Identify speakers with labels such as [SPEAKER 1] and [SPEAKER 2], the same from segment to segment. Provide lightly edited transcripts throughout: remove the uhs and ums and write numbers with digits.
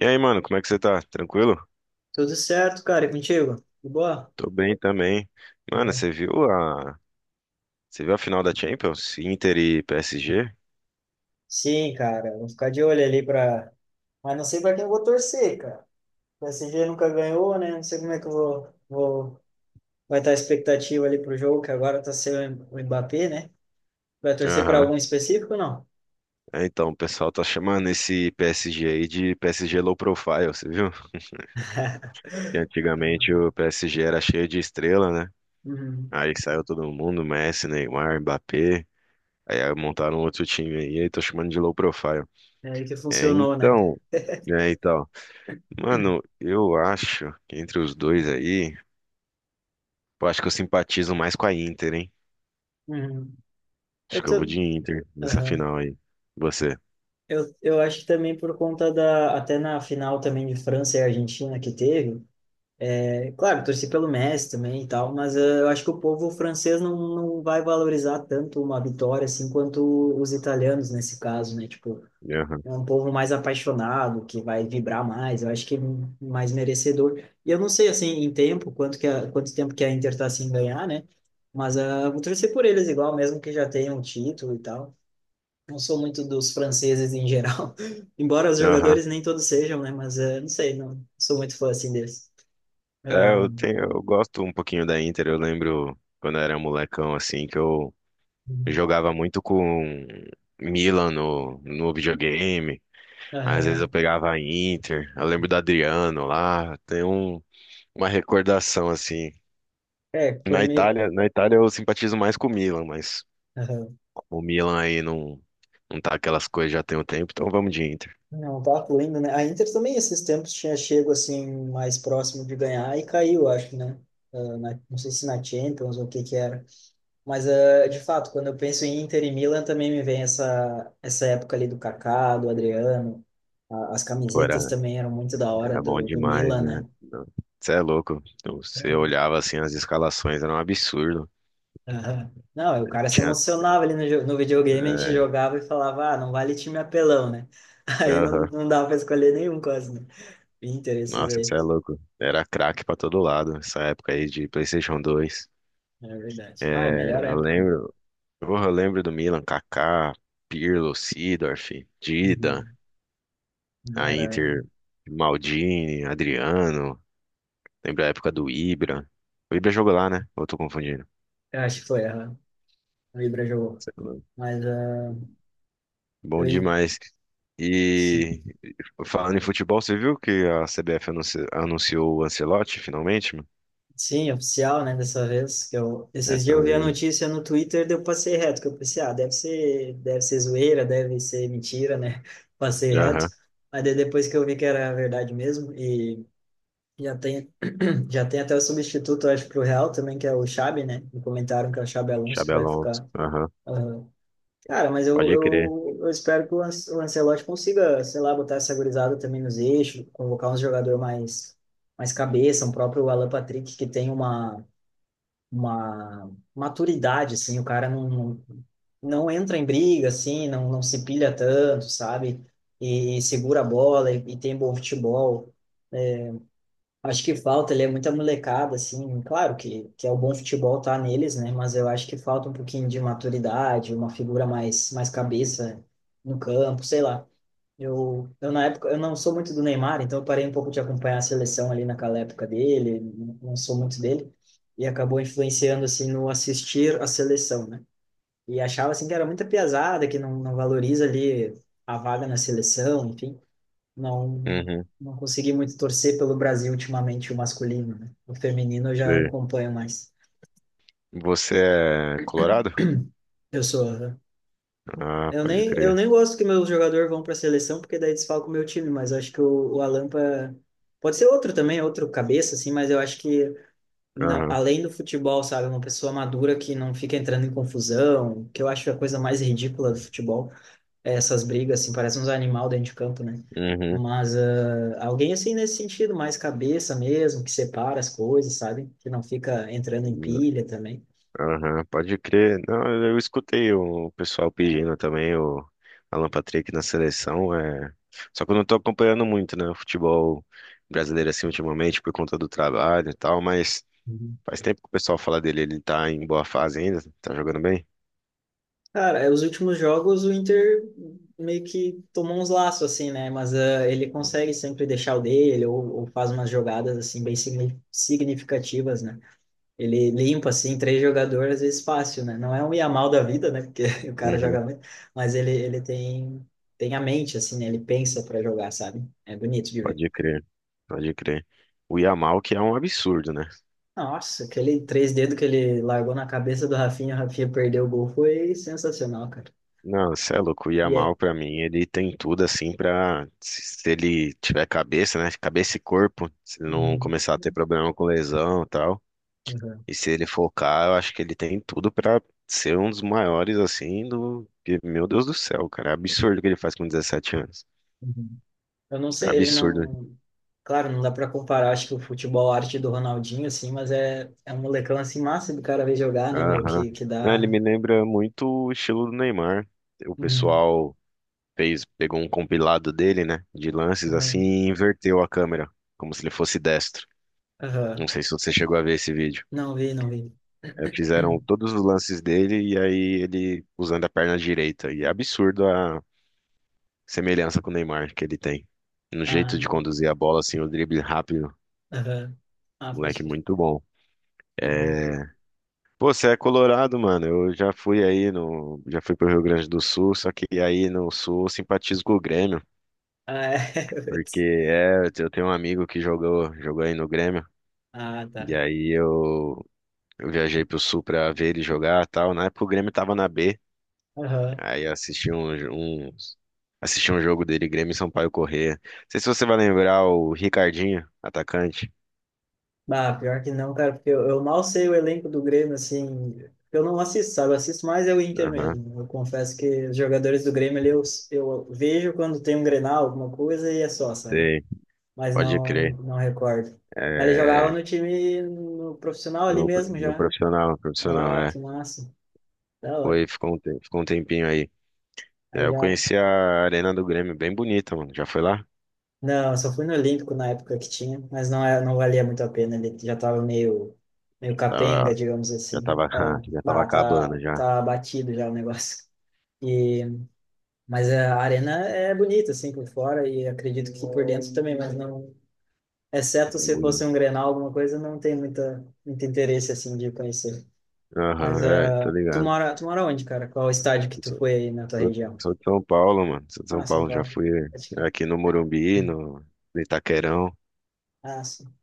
[SPEAKER 1] E aí, mano, como é que você tá? Tranquilo?
[SPEAKER 2] Tudo certo, cara, e contigo? De boa?
[SPEAKER 1] Tô bem também. Mano,
[SPEAKER 2] Boa.
[SPEAKER 1] você viu a final da Champions? Inter e PSG?
[SPEAKER 2] Sim, cara, vou ficar de olho ali pra. Mas não sei pra quem eu vou torcer, cara. O PSG nunca ganhou, né? Não sei como é que eu vou... vai estar a expectativa ali pro jogo, que agora tá sendo o Mbappé, né? Vai torcer pra
[SPEAKER 1] Aham.
[SPEAKER 2] algum específico ou não?
[SPEAKER 1] É, então, o pessoal tá chamando esse PSG aí de PSG low profile, você viu? Que antigamente o PSG era cheio de estrela, né?
[SPEAKER 2] Uhum.
[SPEAKER 1] Aí saiu todo mundo, Messi, Neymar, Mbappé. Aí montaram outro time aí, aí tô chamando de low profile.
[SPEAKER 2] É aí que
[SPEAKER 1] É,
[SPEAKER 2] funcionou, né?
[SPEAKER 1] então, é, então. Mano, eu acho que entre os dois aí, eu acho que eu simpatizo mais com a Inter, hein?
[SPEAKER 2] Uhum.
[SPEAKER 1] Acho
[SPEAKER 2] Eu,
[SPEAKER 1] que eu vou
[SPEAKER 2] tô...
[SPEAKER 1] de Inter nessa
[SPEAKER 2] Aham.
[SPEAKER 1] final aí. Você.
[SPEAKER 2] Eu acho que também por conta da. Até na final também de França e Argentina que teve. É claro, torci pelo Messi também e tal, mas eu acho que o povo francês não vai valorizar tanto uma vitória assim quanto os italianos nesse caso, né? Tipo,
[SPEAKER 1] Aham.
[SPEAKER 2] é um povo mais apaixonado, que vai vibrar mais, eu acho que é mais merecedor. E eu não sei assim em tempo, quanto tempo que a Inter tá sem ganhar, né? Mas vou torcer por eles igual, mesmo que já tenham título e tal. Não sou muito dos franceses em geral, embora os
[SPEAKER 1] Aham.
[SPEAKER 2] jogadores nem todos sejam, né? Mas não sei, não sou muito fã assim deles. Ah,
[SPEAKER 1] Eu gosto um pouquinho da Inter. Eu lembro quando eu era molecão, assim, que eu jogava muito com Milan no videogame. Às vezes eu
[SPEAKER 2] aham.
[SPEAKER 1] pegava a Inter. Eu lembro do Adriano lá. Uma recordação, assim.
[SPEAKER 2] É, quando me.
[SPEAKER 1] Na Itália eu simpatizo mais com o Milan, mas
[SPEAKER 2] Aham.
[SPEAKER 1] o Milan aí não tá aquelas coisas, já tem um tempo, então vamos de Inter.
[SPEAKER 2] Não, eu tava lendo, né? A Inter também esses tempos tinha chego assim mais próximo de ganhar e caiu, acho, né? Ah, não sei se na Champions ou o que que era. Mas ah, de fato, quando eu penso em Inter e Milan também me vem essa época ali do Kaká, do Adriano. As
[SPEAKER 1] Pô,
[SPEAKER 2] camisetas
[SPEAKER 1] era,
[SPEAKER 2] também eram muito da hora
[SPEAKER 1] era bom
[SPEAKER 2] do
[SPEAKER 1] demais,
[SPEAKER 2] Milan,
[SPEAKER 1] né?
[SPEAKER 2] né?
[SPEAKER 1] Você é louco. Você
[SPEAKER 2] Então,
[SPEAKER 1] olhava assim as escalações, era um absurdo.
[SPEAKER 2] aham. Não, o cara se
[SPEAKER 1] Tinha.
[SPEAKER 2] emocionava ali no videogame, a gente
[SPEAKER 1] É,
[SPEAKER 2] jogava e falava, ah, não vale time apelão, né? Aí
[SPEAKER 1] aham.
[SPEAKER 2] não dava pra escolher nenhum quase, né? Interesses
[SPEAKER 1] Nossa, você
[SPEAKER 2] aí.
[SPEAKER 1] é louco. Era craque pra todo lado, essa época aí de PlayStation dois.
[SPEAKER 2] É verdade. Ah, melhor
[SPEAKER 1] É, eu
[SPEAKER 2] época.
[SPEAKER 1] lembro. Porra, eu lembro do Milan, Kaká, Pirlo, Seedorf, Dida,
[SPEAKER 2] Uhum. Não
[SPEAKER 1] a
[SPEAKER 2] era.
[SPEAKER 1] Inter, Maldini, Adriano. Lembro a época do Ibra. O Ibra jogou lá, né? Ou eu tô confundindo?
[SPEAKER 2] Eu acho que foi a Ibra jogou.
[SPEAKER 1] Sei lá.
[SPEAKER 2] Mas ah,
[SPEAKER 1] Bom
[SPEAKER 2] eu.
[SPEAKER 1] demais.
[SPEAKER 2] Sim.
[SPEAKER 1] E falando em futebol, você viu que a CBF anunciou o Ancelotti finalmente, mano?
[SPEAKER 2] Sim, oficial, né? Dessa vez. Que eu...
[SPEAKER 1] É,
[SPEAKER 2] Esses dias eu vi a
[SPEAKER 1] também.
[SPEAKER 2] notícia no Twitter, daí eu passei reto, que eu pensei, ah, deve ser zoeira, deve ser mentira, né? Passei reto.
[SPEAKER 1] Aham.
[SPEAKER 2] Mas daí depois que eu vi que era verdade mesmo, e já tem, já tem até o substituto, eu acho, pro Real também, que é o Xabi, né? Me comentaram que é o Xabi Alonso que
[SPEAKER 1] Xabi
[SPEAKER 2] vai
[SPEAKER 1] Alonso.
[SPEAKER 2] ficar.
[SPEAKER 1] Aham.
[SPEAKER 2] Cara, mas eu,
[SPEAKER 1] Pode crer.
[SPEAKER 2] eu, eu espero que o Ancelotti consiga, sei lá, botar essa gurizada também nos eixos, convocar um jogador mais cabeça, um próprio Alan Patrick que tem uma maturidade, assim, o cara não entra em briga, assim, não se pilha tanto, sabe? E segura a bola e tem bom futebol. Acho que falta, ele é muita molecada, assim, claro que é o bom futebol tá neles, né? Mas eu acho que falta um pouquinho de maturidade, uma figura mais cabeça no campo, sei lá. Eu na época, eu não sou muito do Neymar, então eu parei um pouco de acompanhar a seleção ali naquela época dele, não não sou muito dele, e acabou influenciando, assim, no assistir a seleção, né? E achava, assim, que era muita piazada, que não valoriza ali a vaga na seleção, enfim não
[SPEAKER 1] Uhum.
[SPEAKER 2] não consegui muito torcer pelo Brasil ultimamente, o masculino, né? O feminino eu já
[SPEAKER 1] Sei.
[SPEAKER 2] acompanho mais.
[SPEAKER 1] Você é colorado?
[SPEAKER 2] Eu sou
[SPEAKER 1] Ah, pode
[SPEAKER 2] eu
[SPEAKER 1] crer.
[SPEAKER 2] nem gosto que meus jogadores vão para a seleção porque daí desfalca o meu time, mas acho que o Alampa pode ser outro também, outro cabeça assim, mas eu acho que não,
[SPEAKER 1] Aham.
[SPEAKER 2] além do futebol, sabe, uma pessoa madura que não fica entrando em confusão, que eu acho a coisa mais ridícula do futebol. Essas brigas, assim, parece uns animal dentro de campo, né?
[SPEAKER 1] Uhum.
[SPEAKER 2] Mas ah, alguém assim nesse sentido, mais cabeça mesmo, que separa as coisas, sabe? Que não fica entrando em pilha também.
[SPEAKER 1] Aham, pode crer. Não, eu escutei o pessoal pedindo também o Alan Patrick na seleção. É... Só que eu não tô acompanhando muito, né, o futebol brasileiro assim ultimamente por conta do trabalho e tal, mas
[SPEAKER 2] Uhum.
[SPEAKER 1] faz tempo que o pessoal fala dele. Ele tá em boa fase ainda, tá jogando bem?
[SPEAKER 2] Cara, é, os últimos jogos o Inter meio que tomou uns laços, assim, né? Mas ah, ele consegue sempre deixar o dele ou faz umas jogadas, assim, bem significativas, né? Ele limpa, assim, três jogadores, às vezes fácil, né? Não é um Yamal da vida, né? Porque o cara joga
[SPEAKER 1] Uhum,
[SPEAKER 2] muito, mas ele tem, tem a mente, assim, né? Ele pensa para jogar, sabe? É bonito de ver.
[SPEAKER 1] pode crer, pode crer. O Yamal que é um absurdo, né?
[SPEAKER 2] Nossa, aquele três dedos que ele largou na cabeça do Rafinha, o Rafinha perdeu o gol, foi sensacional, cara.
[SPEAKER 1] Não, você é louco. O
[SPEAKER 2] E é.
[SPEAKER 1] Yamal, pra mim, ele tem tudo assim pra. Se ele tiver cabeça, né? Cabeça e corpo, se ele não
[SPEAKER 2] Uhum,
[SPEAKER 1] começar a ter problema com lesão e tal.
[SPEAKER 2] uhum,
[SPEAKER 1] E se ele focar, eu acho que ele tem tudo pra ser um dos maiores, assim, do. Que, Meu Deus do céu, cara. É absurdo o que ele faz com 17 anos.
[SPEAKER 2] uhum. Eu não sei, ele
[SPEAKER 1] Absurdo. Né?
[SPEAKER 2] não. Claro, não dá para comparar, acho que o futebol arte do Ronaldinho, assim, mas é, é um molecão, assim, massa do cara ver jogar, né, meu?
[SPEAKER 1] Aham.
[SPEAKER 2] Que
[SPEAKER 1] Não, ele
[SPEAKER 2] dá.
[SPEAKER 1] me lembra muito o estilo do Neymar. O
[SPEAKER 2] Uhum,
[SPEAKER 1] pessoal fez, pegou um compilado dele, né? De lances assim
[SPEAKER 2] uhum.
[SPEAKER 1] e inverteu a câmera, como se ele fosse destro. Não
[SPEAKER 2] Aham.
[SPEAKER 1] sei se você chegou a ver esse vídeo.
[SPEAKER 2] Não vi, não vi.
[SPEAKER 1] É, fizeram todos os lances dele e aí ele usando a perna direita. E é absurdo a semelhança com o Neymar que ele tem. No jeito
[SPEAKER 2] Ah,
[SPEAKER 1] de conduzir a bola, assim, o drible rápido.
[SPEAKER 2] aham. Ah, pode
[SPEAKER 1] Moleque
[SPEAKER 2] crer.
[SPEAKER 1] muito bom.
[SPEAKER 2] É, verdade.
[SPEAKER 1] É... Pô, você é colorado, mano. Eu já fui aí no. Já fui pro Rio Grande do Sul, só que aí no Sul eu simpatizo com o Grêmio.
[SPEAKER 2] Ah, é.
[SPEAKER 1] Porque
[SPEAKER 2] Putz.
[SPEAKER 1] é, eu tenho um amigo que jogou aí no Grêmio.
[SPEAKER 2] Ah,
[SPEAKER 1] E
[SPEAKER 2] tá.
[SPEAKER 1] aí eu, eu viajei pro Sul pra ver ele jogar e tal. Na época o Grêmio tava na B.
[SPEAKER 2] Aham.
[SPEAKER 1] Aí assisti um, um, assisti um jogo dele, Grêmio e Sampaio Corrêa. Não sei se você vai lembrar o Ricardinho, atacante.
[SPEAKER 2] Ah, pior que não, cara, porque eu mal sei o elenco do Grêmio, assim. Eu não assisto, sabe? Eu assisto mais é o Inter
[SPEAKER 1] Aham,
[SPEAKER 2] mesmo. Eu confesso que os jogadores do Grêmio ali eu vejo quando tem um Grenal, alguma coisa, e é só, sabe?
[SPEAKER 1] sei.
[SPEAKER 2] Mas
[SPEAKER 1] Pode crer.
[SPEAKER 2] não recordo. Mas ele jogava
[SPEAKER 1] É,
[SPEAKER 2] no time no profissional ali
[SPEAKER 1] no,
[SPEAKER 2] mesmo
[SPEAKER 1] no
[SPEAKER 2] já.
[SPEAKER 1] profissional, profissional,
[SPEAKER 2] Ah,
[SPEAKER 1] é.
[SPEAKER 2] que massa. Da hora.
[SPEAKER 1] Foi, ficou um, ficou um tempinho aí. É,
[SPEAKER 2] Aí
[SPEAKER 1] eu
[SPEAKER 2] já.
[SPEAKER 1] conheci a Arena do Grêmio, bem bonita, mano. Já foi lá?
[SPEAKER 2] Não, eu só fui no Olímpico na época que tinha, mas não, é, não valia muito a pena, ele já tava meio, meio capenga,
[SPEAKER 1] Tava,
[SPEAKER 2] digamos
[SPEAKER 1] já
[SPEAKER 2] assim.
[SPEAKER 1] tava,
[SPEAKER 2] Ah,
[SPEAKER 1] já tava
[SPEAKER 2] bah,
[SPEAKER 1] acabando, já.
[SPEAKER 2] tá batido já o negócio. E, mas a arena é bonita, assim, por fora, e acredito que por dentro também, mas não... Exceto se fosse
[SPEAKER 1] Boni-
[SPEAKER 2] um Grenal, alguma coisa, não tem muito interesse, assim, de conhecer.
[SPEAKER 1] Aham,
[SPEAKER 2] Mas
[SPEAKER 1] é, tô
[SPEAKER 2] ah,
[SPEAKER 1] ligado.
[SPEAKER 2] tu mora onde, cara? Qual estádio que
[SPEAKER 1] Eu
[SPEAKER 2] tu
[SPEAKER 1] Sou,
[SPEAKER 2] foi aí na tua
[SPEAKER 1] sou,
[SPEAKER 2] região?
[SPEAKER 1] sou de São Paulo, mano. Sou de São
[SPEAKER 2] Ah, São
[SPEAKER 1] Paulo, já
[SPEAKER 2] Paulo.
[SPEAKER 1] fui
[SPEAKER 2] Pode crer.
[SPEAKER 1] aqui no Morumbi, no Itaquerão.
[SPEAKER 2] Ah, sim.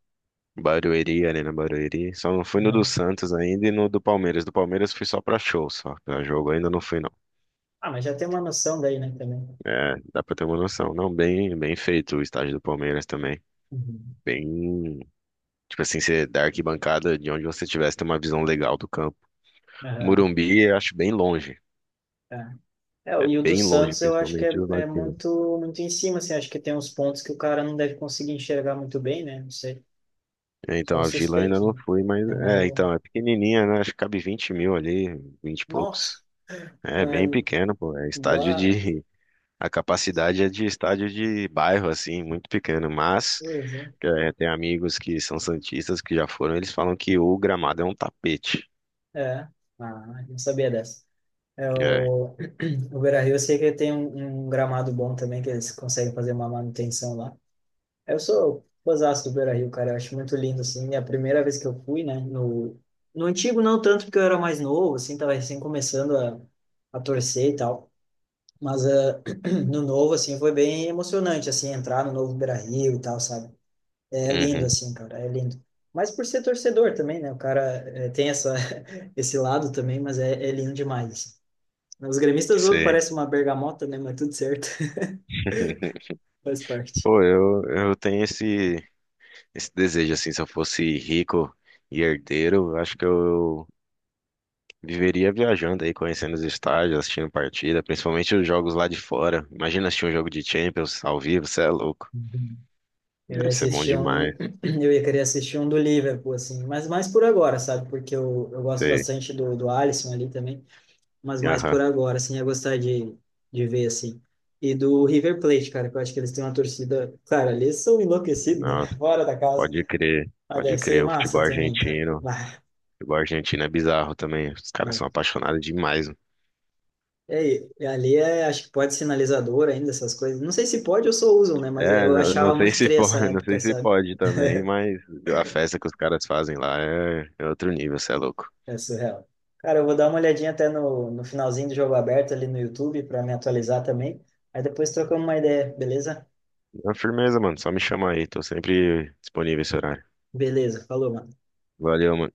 [SPEAKER 1] Barueri, Arena Barueri. Só não fui no do
[SPEAKER 2] Aham.
[SPEAKER 1] Santos ainda e no do Palmeiras. Do Palmeiras fui só pra show, só. Pra jogo ainda não fui, não.
[SPEAKER 2] Ah, mas já tem uma noção daí, né, também.
[SPEAKER 1] É, dá pra ter uma noção. Não, bem, bem feito o estádio do Palmeiras também.
[SPEAKER 2] Uhum.
[SPEAKER 1] Bem, tipo assim, você da arquibancada de onde você tivesse tem uma visão legal do campo.
[SPEAKER 2] Aham,
[SPEAKER 1] Murumbi, eu acho bem longe.
[SPEAKER 2] é. É,
[SPEAKER 1] É
[SPEAKER 2] e o do
[SPEAKER 1] bem longe,
[SPEAKER 2] Santos eu acho que é,
[SPEAKER 1] principalmente do lado
[SPEAKER 2] é
[SPEAKER 1] latino.
[SPEAKER 2] muito em cima, assim, acho que tem uns pontos que o cara não deve conseguir enxergar muito bem, né? Não sei,
[SPEAKER 1] É,
[SPEAKER 2] sou
[SPEAKER 1] então,
[SPEAKER 2] um
[SPEAKER 1] a Vila eu ainda
[SPEAKER 2] suspeito,
[SPEAKER 1] não
[SPEAKER 2] né?
[SPEAKER 1] fui, mas...
[SPEAKER 2] É
[SPEAKER 1] É,
[SPEAKER 2] meio,
[SPEAKER 1] então, é pequenininha, né? Acho que cabe 20 mil ali, 20 e
[SPEAKER 2] nossa,
[SPEAKER 1] poucos. É
[SPEAKER 2] é,
[SPEAKER 1] bem pequeno, pô. É estádio
[SPEAKER 2] dá
[SPEAKER 1] de. A capacidade é de estádio de bairro, assim, muito pequeno, mas
[SPEAKER 2] coisa. Né?
[SPEAKER 1] é, tem amigos que são santistas que já foram, eles falam que o gramado é um tapete.
[SPEAKER 2] É, ah, não sabia dessa. É,
[SPEAKER 1] É,
[SPEAKER 2] o Beira-Rio eu sei que tem um, um gramado bom também, que eles conseguem fazer uma manutenção lá. Eu sou fãzaço do Beira-Rio, cara. Eu acho muito lindo, assim. É a primeira vez que eu fui, né? No, no antigo, não tanto, porque eu era mais novo, assim, tava recém começando a torcer e tal. Mas no novo, assim, foi bem emocionante, assim, entrar no novo Beira-Rio e tal, sabe? É lindo,
[SPEAKER 1] uhum,
[SPEAKER 2] assim, cara, é lindo. Mas por ser torcedor também, né? O cara tem essa, esse lado também, mas é, é lindo demais. Assim. Os gremistas, ô,
[SPEAKER 1] sei.
[SPEAKER 2] parece uma bergamota, né? Mas tudo certo. Faz parte.
[SPEAKER 1] Eu tenho esse desejo, assim, se eu fosse rico e herdeiro, eu acho que eu viveria viajando aí, conhecendo os estádios, assistindo partida, principalmente os jogos lá de fora. Imagina assistir um jogo de Champions ao vivo, você é louco.
[SPEAKER 2] Uhum. Eu ia
[SPEAKER 1] Deve ser bom
[SPEAKER 2] assistir um,
[SPEAKER 1] demais.
[SPEAKER 2] eu ia querer assistir um do Liverpool, assim, mas mais por agora, sabe? Porque eu gosto
[SPEAKER 1] Sei.
[SPEAKER 2] bastante do Alisson ali também, mas mais
[SPEAKER 1] Aham.
[SPEAKER 2] por agora, assim, ia gostar de ver, assim. E do River Plate, cara, que eu acho que eles têm uma torcida. Cara, eles são enlouquecidos, né?
[SPEAKER 1] Nossa.
[SPEAKER 2] Fora da casa.
[SPEAKER 1] Pode crer,
[SPEAKER 2] Mas
[SPEAKER 1] pode
[SPEAKER 2] deve ser
[SPEAKER 1] crer. O futebol
[SPEAKER 2] massa também, cara.
[SPEAKER 1] argentino, o
[SPEAKER 2] Bah,
[SPEAKER 1] futebol argentino é bizarro também. Os caras são
[SPEAKER 2] é,
[SPEAKER 1] apaixonados demais, mano.
[SPEAKER 2] e ali é, acho que pode sinalizador ainda, essas coisas. Não sei se pode ou só usam, né? Mas
[SPEAKER 1] É,
[SPEAKER 2] eu achava
[SPEAKER 1] não
[SPEAKER 2] muito
[SPEAKER 1] sei se
[SPEAKER 2] estranha essa
[SPEAKER 1] pode, não
[SPEAKER 2] época,
[SPEAKER 1] sei se
[SPEAKER 2] sabe?
[SPEAKER 1] pode também, mas a festa que os caras fazem lá é outro nível, cê é louco.
[SPEAKER 2] É surreal. Cara, eu vou dar uma olhadinha até no finalzinho do jogo aberto ali no YouTube para me atualizar também. Aí depois trocamos uma ideia, beleza?
[SPEAKER 1] É firmeza, mano. Só me chama aí, tô sempre disponível esse horário.
[SPEAKER 2] Beleza, falou, mano.
[SPEAKER 1] Valeu, mano.